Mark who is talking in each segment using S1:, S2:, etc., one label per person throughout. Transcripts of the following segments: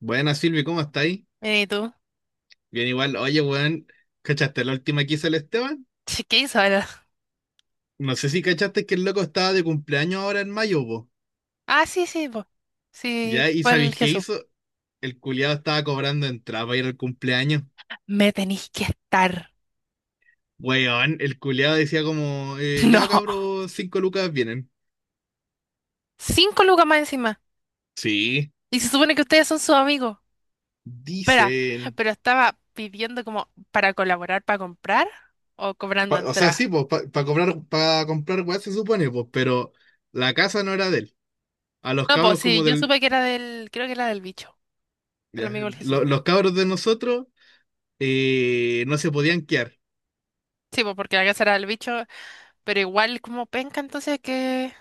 S1: Buenas, Silvi, ¿cómo estáis?
S2: ¿Y tú?
S1: Bien, igual. Oye, weón, ¿cachaste la última que hizo el Esteban?
S2: Sí, ¿qué hizo ahora?
S1: No sé si cachaste que el loco estaba de cumpleaños ahora en mayo, po.
S2: Ah, sí, sí, po. Sí,
S1: ¿Ya? ¿Y
S2: fue el
S1: sabéis qué
S2: Jesús.
S1: hizo? El culiado estaba cobrando entrada para ir al cumpleaños.
S2: Me tenéis que estar.
S1: Weón, el culiado decía como, ya
S2: No.
S1: cabros, 5 lucas vienen.
S2: 5 lucas más encima.
S1: Sí,
S2: Y se supone que ustedes son sus amigos. Espera,
S1: dicen.
S2: pero estaba pidiendo como para colaborar, para comprar o cobrando
S1: O sea,
S2: entrada.
S1: sí, pues, para cobrar, para comprar weá se supone, pues, pero la casa no era de él. A los
S2: No, pues
S1: cabros
S2: sí,
S1: como
S2: yo
S1: del.
S2: supe que era del, creo que era del bicho, del
S1: Ya,
S2: amigo del Jesús.
S1: los cabros de nosotros no se podían quedar.
S2: Sí, pues porque la casa era del bicho, pero igual como penca, entonces que.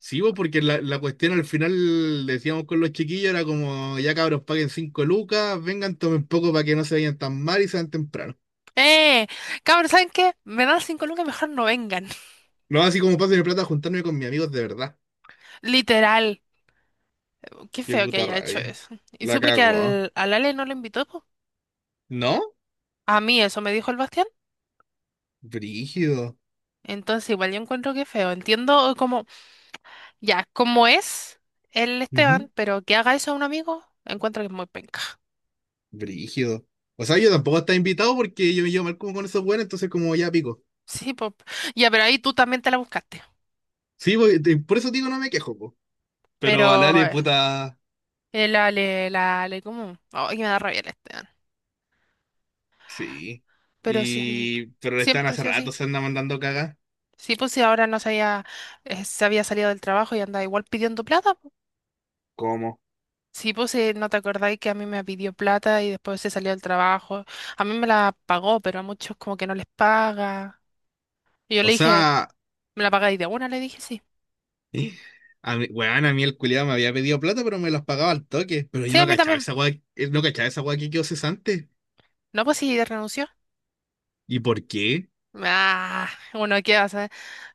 S1: Sí, vos, porque la cuestión al final, decíamos con los chiquillos, era como, ya cabros, paguen 5 lucas, vengan, tomen poco para que no se vayan tan mal y sean temprano.
S2: ¡Eh! Cabrón, ¿saben qué? Me dan 5 lucas, mejor no vengan.
S1: No, así como paso mi plata a juntarme con mis amigos de verdad.
S2: Literal. Qué
S1: Qué
S2: feo que
S1: puta
S2: haya hecho
S1: rabia.
S2: eso. Y
S1: La
S2: supe que
S1: cago, ¿ah?
S2: al Ale no lo invitó, po.
S1: ¿No?
S2: A mí eso me dijo el Bastián.
S1: Brígido.
S2: Entonces igual yo encuentro que feo. Entiendo como ya, cómo es el
S1: Ujú,
S2: Esteban, pero que haga eso a un amigo, encuentro que es muy penca.
S1: Brígido. O sea, yo tampoco estaba invitado porque yo me llevo mal como con esos buenos, entonces como ya pico.
S2: Sí, pues. Ya, pero ahí tú también te la buscaste.
S1: Sí, por eso digo, no me quejo, po. Pero a
S2: Pero
S1: Lale,
S2: eh,
S1: puta,
S2: el Ale, como ay, me da rabia el Esteban.
S1: sí.
S2: Pero sí,
S1: Pero le están
S2: siempre
S1: hace
S2: sí o sí.
S1: rato, se anda mandando cagas.
S2: Sí, pues si ahora no se había, se había salido del trabajo y andaba igual pidiendo plata.
S1: ¿Cómo?
S2: Sí, pues no te acordáis que a mí me pidió plata y después se salió del trabajo. A mí me la pagó, pero a muchos como que no les paga. Y yo
S1: O
S2: le dije,
S1: sea,
S2: ¿me la pagáis de una? Le dije, sí.
S1: eh, a mí, weón, a mí el culiado me había pedido plata, pero me los pagaba al toque. Pero yo
S2: Sí, a
S1: no
S2: mí
S1: cachaba
S2: también.
S1: esa weá, no cachaba esa weá que quedó cesante.
S2: No, pues sí, renunció.
S1: ¿Y por qué?
S2: Ah, bueno, ¿qué hace?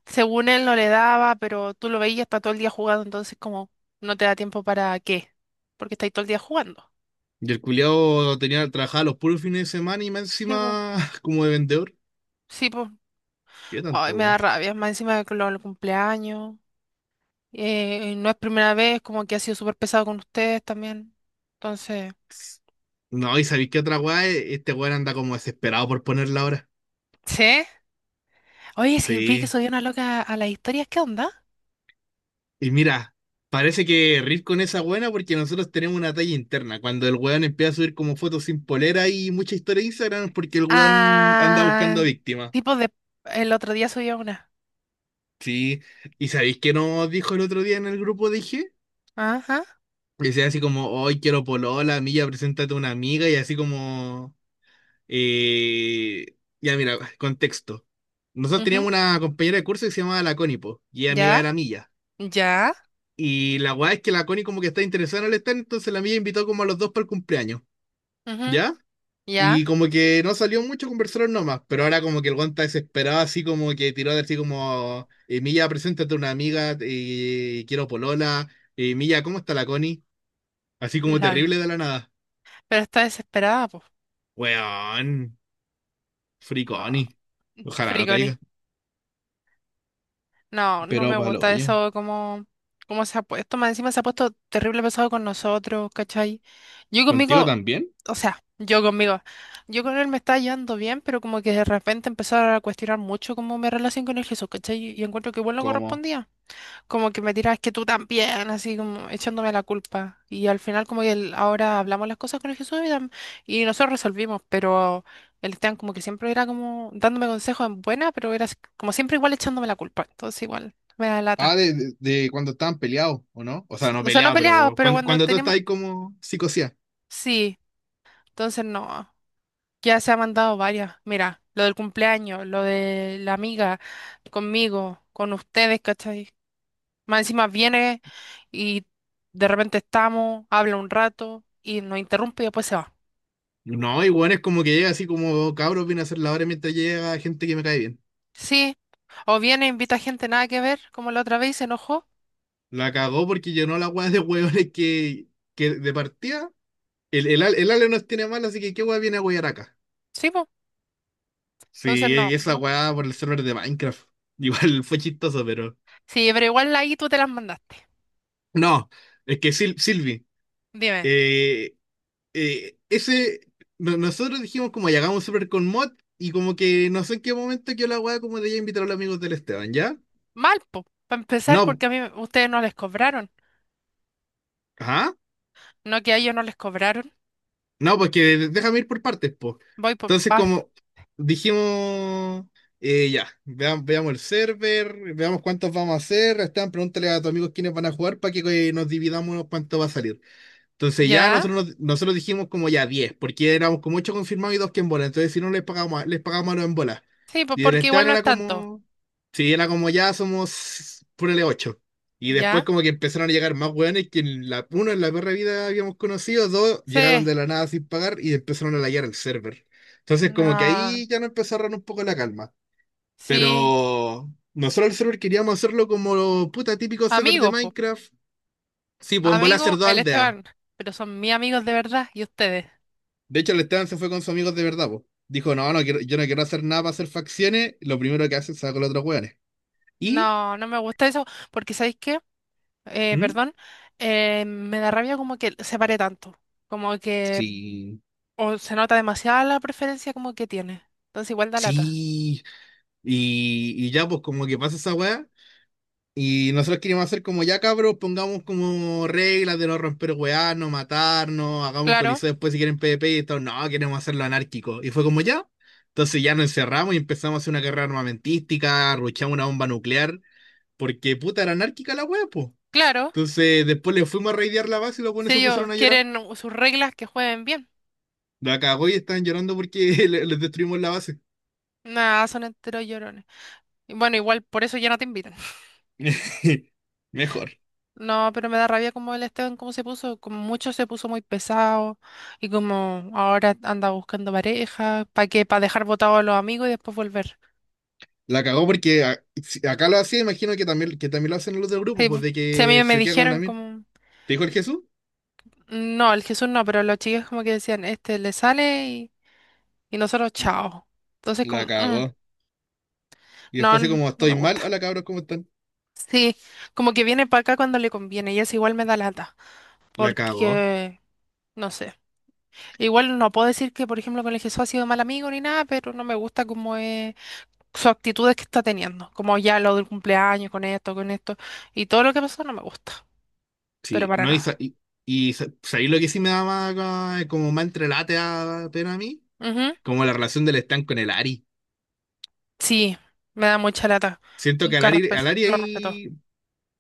S2: Según él no le daba, pero tú lo veías, está todo el día jugando, entonces como no te da tiempo para qué, porque estáis todo el día jugando.
S1: Y el culiado tenía, trabajaba los puros fines de semana y más
S2: Sí, pues,
S1: encima como de vendedor.
S2: sí, pues.
S1: ¿Qué
S2: Ay,
S1: tanta
S2: me da
S1: weá?
S2: rabia, más encima de que los cumpleaños. Y no es primera vez, como que ha sido súper pesado con ustedes también. Entonces.
S1: No, y sabéis qué otra weá, este weón anda como desesperado por ponerla ahora.
S2: ¿Sí? Oye, sí, vi que
S1: Sí,
S2: subió una loca a las historias, ¿qué onda?
S1: y mira, parece que rir con esa buena porque nosotros tenemos una talla interna. Cuando el weón empieza a subir como fotos sin polera y mucha historia de Instagram es porque el weón anda buscando
S2: Ah,
S1: víctimas.
S2: tipo de, el otro día subió una.
S1: Sí, y ¿sabéis qué nos dijo el otro día en el grupo?
S2: Ajá,
S1: Decía así como, hoy quiero polola, Milla, preséntate a una amiga y así como, eh, ya mira, contexto. Nosotros
S2: ujú,
S1: teníamos una compañera de curso que se llamaba la Connie, po, y ella amiga de
S2: ya,
S1: la Milla.
S2: ya,
S1: Y la weá es que la Connie como que está interesada en el stand, entonces la Milla invitó como a los dos para el cumpleaños.
S2: ujú,
S1: ¿Ya?
S2: ya,
S1: Y como que no salió mucho, conversaron nomás, pero ahora como que el guanta desesperado, así como que tiró de así como, Milla, preséntate a una amiga, quiero polola, Milla, ¿cómo está la Connie? Así como
S2: lol.
S1: terrible de la nada.
S2: Pero está desesperada, pues.
S1: Weón, free
S2: No,
S1: Connie. Ojalá no
S2: friconi.
S1: caiga.
S2: No, no
S1: Pero
S2: me
S1: palo,
S2: gusta
S1: oye,
S2: eso, como se ha puesto, más encima se ha puesto terrible pesado con nosotros, ¿cachai? Yo
S1: ¿contigo
S2: conmigo,
S1: también?
S2: o sea, yo conmigo, yo con él me estaba llevando bien, pero como que de repente empezaron a cuestionar mucho como mi relación con el Jesús, ¿cachai? Y encuentro que igual no
S1: ¿Cómo?
S2: correspondía. Como que me tiras que tú también, así como echándome la culpa. Y al final como que ahora hablamos las cosas con el Jesús y nosotros resolvimos, pero el Esteban como que siempre era como dándome consejos en buena, pero era así como siempre igual echándome la culpa. Entonces igual me da
S1: Ah,
S2: lata.
S1: de cuando estaban peleados, ¿o no? O sea, no
S2: O sea, no
S1: peleados,
S2: peleaba,
S1: pero
S2: pero
S1: cuando,
S2: cuando
S1: cuando tú
S2: teníamos.
S1: estás ahí como psicosía.
S2: Sí, entonces no. Ya se ha mandado varias. Mira, lo del cumpleaños, lo de la amiga, conmigo, con ustedes, ¿cachai? Más encima viene y de repente estamos, habla un rato y nos interrumpe y después se va.
S1: No, igual es como que llega así como, cabros, viene a hacer la hora mientras llega gente que me cae bien.
S2: Sí. O viene, invita gente nada que ver, como la otra vez y se enojó.
S1: La cagó porque llenó la weá de hueones que de partida. El Ale nos tiene mal, así que qué weá viene a huear acá.
S2: Sí, pues. Entonces
S1: Sí,
S2: no,
S1: esa
S2: no
S1: weá por
S2: corresponde.
S1: el server de Minecraft. Igual fue chistoso, pero.
S2: Sí, pero igual ahí tú te las mandaste.
S1: No, es que Silvi,
S2: Dime.
S1: eh, ese. Nosotros dijimos como ya hagamos un server con mod y como que no sé en qué momento quedó la weá como de ya invitar a los amigos del Esteban, ¿ya?
S2: Mal, po. Para empezar,
S1: No,
S2: porque a mí ustedes no les cobraron.
S1: ¿ah?
S2: No que a ellos no les cobraron.
S1: No, porque déjame ir por partes, pues.
S2: Voy por.
S1: Entonces,
S2: Vas.
S1: como dijimos, ya, veamos el server, veamos cuántos vamos a hacer. Esteban, pregúntale a tus amigos quiénes van a jugar para que nos dividamos cuánto va a salir. Entonces ya
S2: ¿Ya?
S1: nosotros dijimos como ya 10 porque éramos como 8 confirmados y 2 que en bola. Entonces si no les pagamos, les pagamos a los en bola.
S2: Sí, pues
S1: Y del
S2: porque igual
S1: Esteban
S2: no es
S1: era
S2: tanto.
S1: como, sí, era como ya somos, ponele ocho. Y después
S2: ¿Ya?
S1: como que empezaron a llegar más hueones que uno en la perra vida habíamos conocido, dos llegaron
S2: Sí.
S1: de la nada sin pagar y empezaron a layar el server. Entonces como que
S2: No.
S1: ahí ya nos empezó a agarrar un poco la calma.
S2: Sí.
S1: Pero nosotros el server queríamos hacerlo como puta típico server de
S2: Amigo, po.
S1: Minecraft. Sí, pues en volar hacer
S2: Amigo,
S1: dos
S2: el
S1: aldeas.
S2: Esteban. Pero son mis amigos de verdad y ustedes.
S1: De hecho, el Esteban se fue con sus amigos de verdad, po. Dijo, no, no quiero, yo no quiero hacer nada para hacer facciones. Lo primero que hace es sacar a los otros hueones. Y,
S2: No, no me gusta eso porque ¿sabéis qué?
S1: ¿mm?
S2: Perdón. Me da rabia como que se pare tanto. Como que
S1: Sí,
S2: o se nota demasiada la preferencia como que tiene. Entonces igual da lata.
S1: sí. Y ya, pues como que pasa esa weá. Y nosotros queríamos hacer como ya, cabros, pongamos como reglas de no romper weá, no matarnos, hagamos un
S2: Claro,
S1: coliseo después si quieren PvP y todo. No, queremos hacerlo anárquico. Y fue como ya. Entonces ya nos encerramos y empezamos a hacer una guerra armamentística, ruchamos una bomba nuclear, porque puta era anárquica la weá, pues.
S2: claro.
S1: Entonces, después le fuimos a raidear la base y los buenos
S2: Si
S1: se
S2: ellos
S1: pusieron a llorar.
S2: quieren sus reglas que jueguen bien.
S1: La cagó y estaban llorando porque les destruimos la base.
S2: Nada, son enteros llorones. Y bueno, igual por eso ya no te invitan.
S1: Mejor.
S2: No, pero me da rabia como el Esteban, cómo se puso, como mucho se puso muy pesado y como ahora anda buscando pareja, ¿para qué? Para dejar botado a los amigos y después volver.
S1: La cagó porque si acá lo hacía, imagino que también lo hacen los del grupo,
S2: Sí,
S1: pues de
S2: si a
S1: que
S2: mí me
S1: se queda con una
S2: dijeron
S1: mina.
S2: como,
S1: ¿Te dijo el Jesús?
S2: no, el Jesús no, pero los chicos como que decían, este le sale y nosotros chao. Entonces como,
S1: La
S2: "Mm,
S1: cagó. Y
S2: no,
S1: después así
S2: no,
S1: como,
S2: no me
S1: estoy
S2: gusta.
S1: mal, hola cabros, ¿cómo están?
S2: Sí, como que viene para acá cuando le conviene y eso igual me da lata,
S1: La cagó.
S2: porque, no sé. Igual no puedo decir que, por ejemplo, con el Jesús ha sido mal amigo ni nada, pero no me gusta como es sus actitudes que está teniendo, como ya lo del cumpleaños, con esto, y todo lo que pasó no me gusta, pero
S1: Sí,
S2: para
S1: no,
S2: nada.
S1: ¿sabéis lo que sí me da más, como más entrelate a, pena a mí?
S2: Ujú.
S1: Como la relación del Stan con el Ari.
S2: Sí, me da mucha lata.
S1: Siento que al
S2: Nunca
S1: Ari,
S2: respeto,
S1: al Ari
S2: lo respetó.
S1: ahí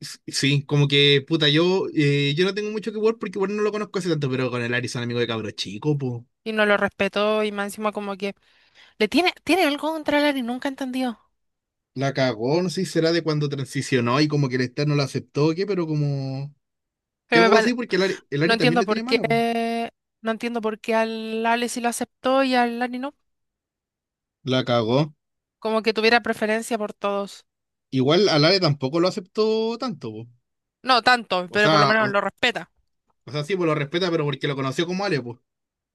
S1: sí, como que, puta, yo no tengo mucho que ver porque igual no lo conozco hace tanto, pero con el Ari son amigo de cabro chico, po.
S2: Y no lo respetó y más encima como que le tiene, tiene algo contra el nunca he entendido.
S1: La cagó, no sé si será de cuando transicionó y como que el Star no lo aceptó o qué, pero como que
S2: Pero me
S1: algo pasó
S2: pare-
S1: ahí porque el Ari, el
S2: no
S1: Ari también
S2: entiendo
S1: le tiene
S2: por qué,
S1: mala, po.
S2: no entiendo por qué al Ale sí lo aceptó y al Ari no.
S1: La cagó.
S2: Como que tuviera preferencia por todos.
S1: Igual al Ari tampoco lo aceptó tanto, po.
S2: No tanto,
S1: O
S2: pero por lo
S1: sea,
S2: menos
S1: o,
S2: lo respeta.
S1: o sea, sí, pues lo respeta, pero porque lo conoció como Ale, po.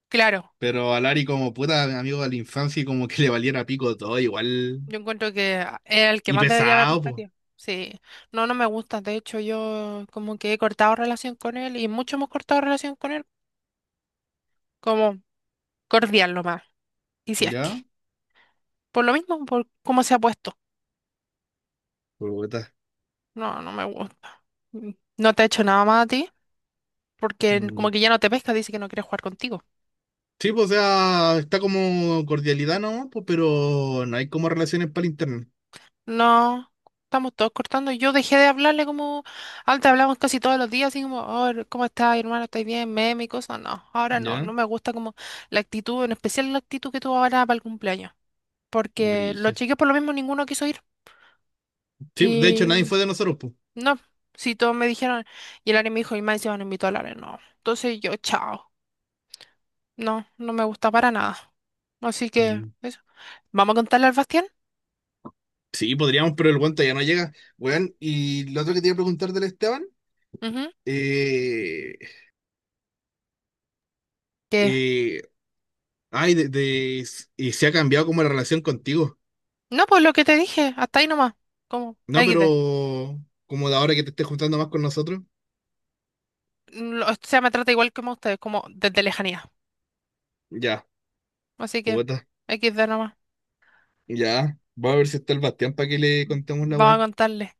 S2: Claro.
S1: Pero al Ari como puta amigo de la infancia y como que le valiera pico todo, igual.
S2: Yo encuentro que es el que
S1: Y
S2: más debería haber
S1: pesado, po.
S2: respeto. Sí, no, no me gusta. De hecho, yo como que he cortado relación con él y mucho hemos cortado relación con él, como cordial lo más. Y si es que,
S1: ¿Ya?
S2: por lo mismo, por cómo se ha puesto.
S1: Puta.
S2: No, no me gusta. Mm. No te ha hecho nada más a ti, porque
S1: Mm,
S2: como que ya no te pesca, dice que no quiere jugar contigo.
S1: sí, pues, o sea, está como cordialidad, ¿no? Pues, pero no hay como relaciones para el internet.
S2: No, estamos todos cortando. Yo dejé de hablarle como antes hablamos casi todos los días, así como, oh, ¿cómo estás, hermano? ¿Estás bien? Meme y cosas. No, ahora no,
S1: ¿Ya?
S2: no me gusta como la actitud, en especial la actitud que tuvo ahora para el cumpleaños, porque los
S1: Brígido.
S2: chicos por lo mismo ninguno quiso ir.
S1: Sí, de hecho, nadie
S2: Y
S1: fue de nosotros, pues.
S2: no, si todos me dijeron, y el Ari me dijo, y más encima no invitó a Lare, no. Entonces yo, chao. No, no me gusta para nada. Así que,
S1: Mm.
S2: eso. ¿Vamos a contarle al Bastián?
S1: Sí, podríamos, pero el guante ya no llega. Weón, y lo otro que te iba a preguntar del Esteban,
S2: Ujú.
S1: eh,
S2: ¿Qué?
S1: eh, ay, y se ha cambiado como la relación contigo.
S2: No, pues lo que te dije, hasta ahí nomás. Como
S1: No, pero
S2: XD.
S1: como de ahora que te estés juntando más con nosotros,
S2: O sea, me trata igual como ustedes, como desde lejanía.
S1: ya,
S2: Así que,
S1: puta,
S2: XD nomás.
S1: ya. Vamos a ver si está el Bastián para que le contemos la
S2: Vamos
S1: weá.
S2: a contarle.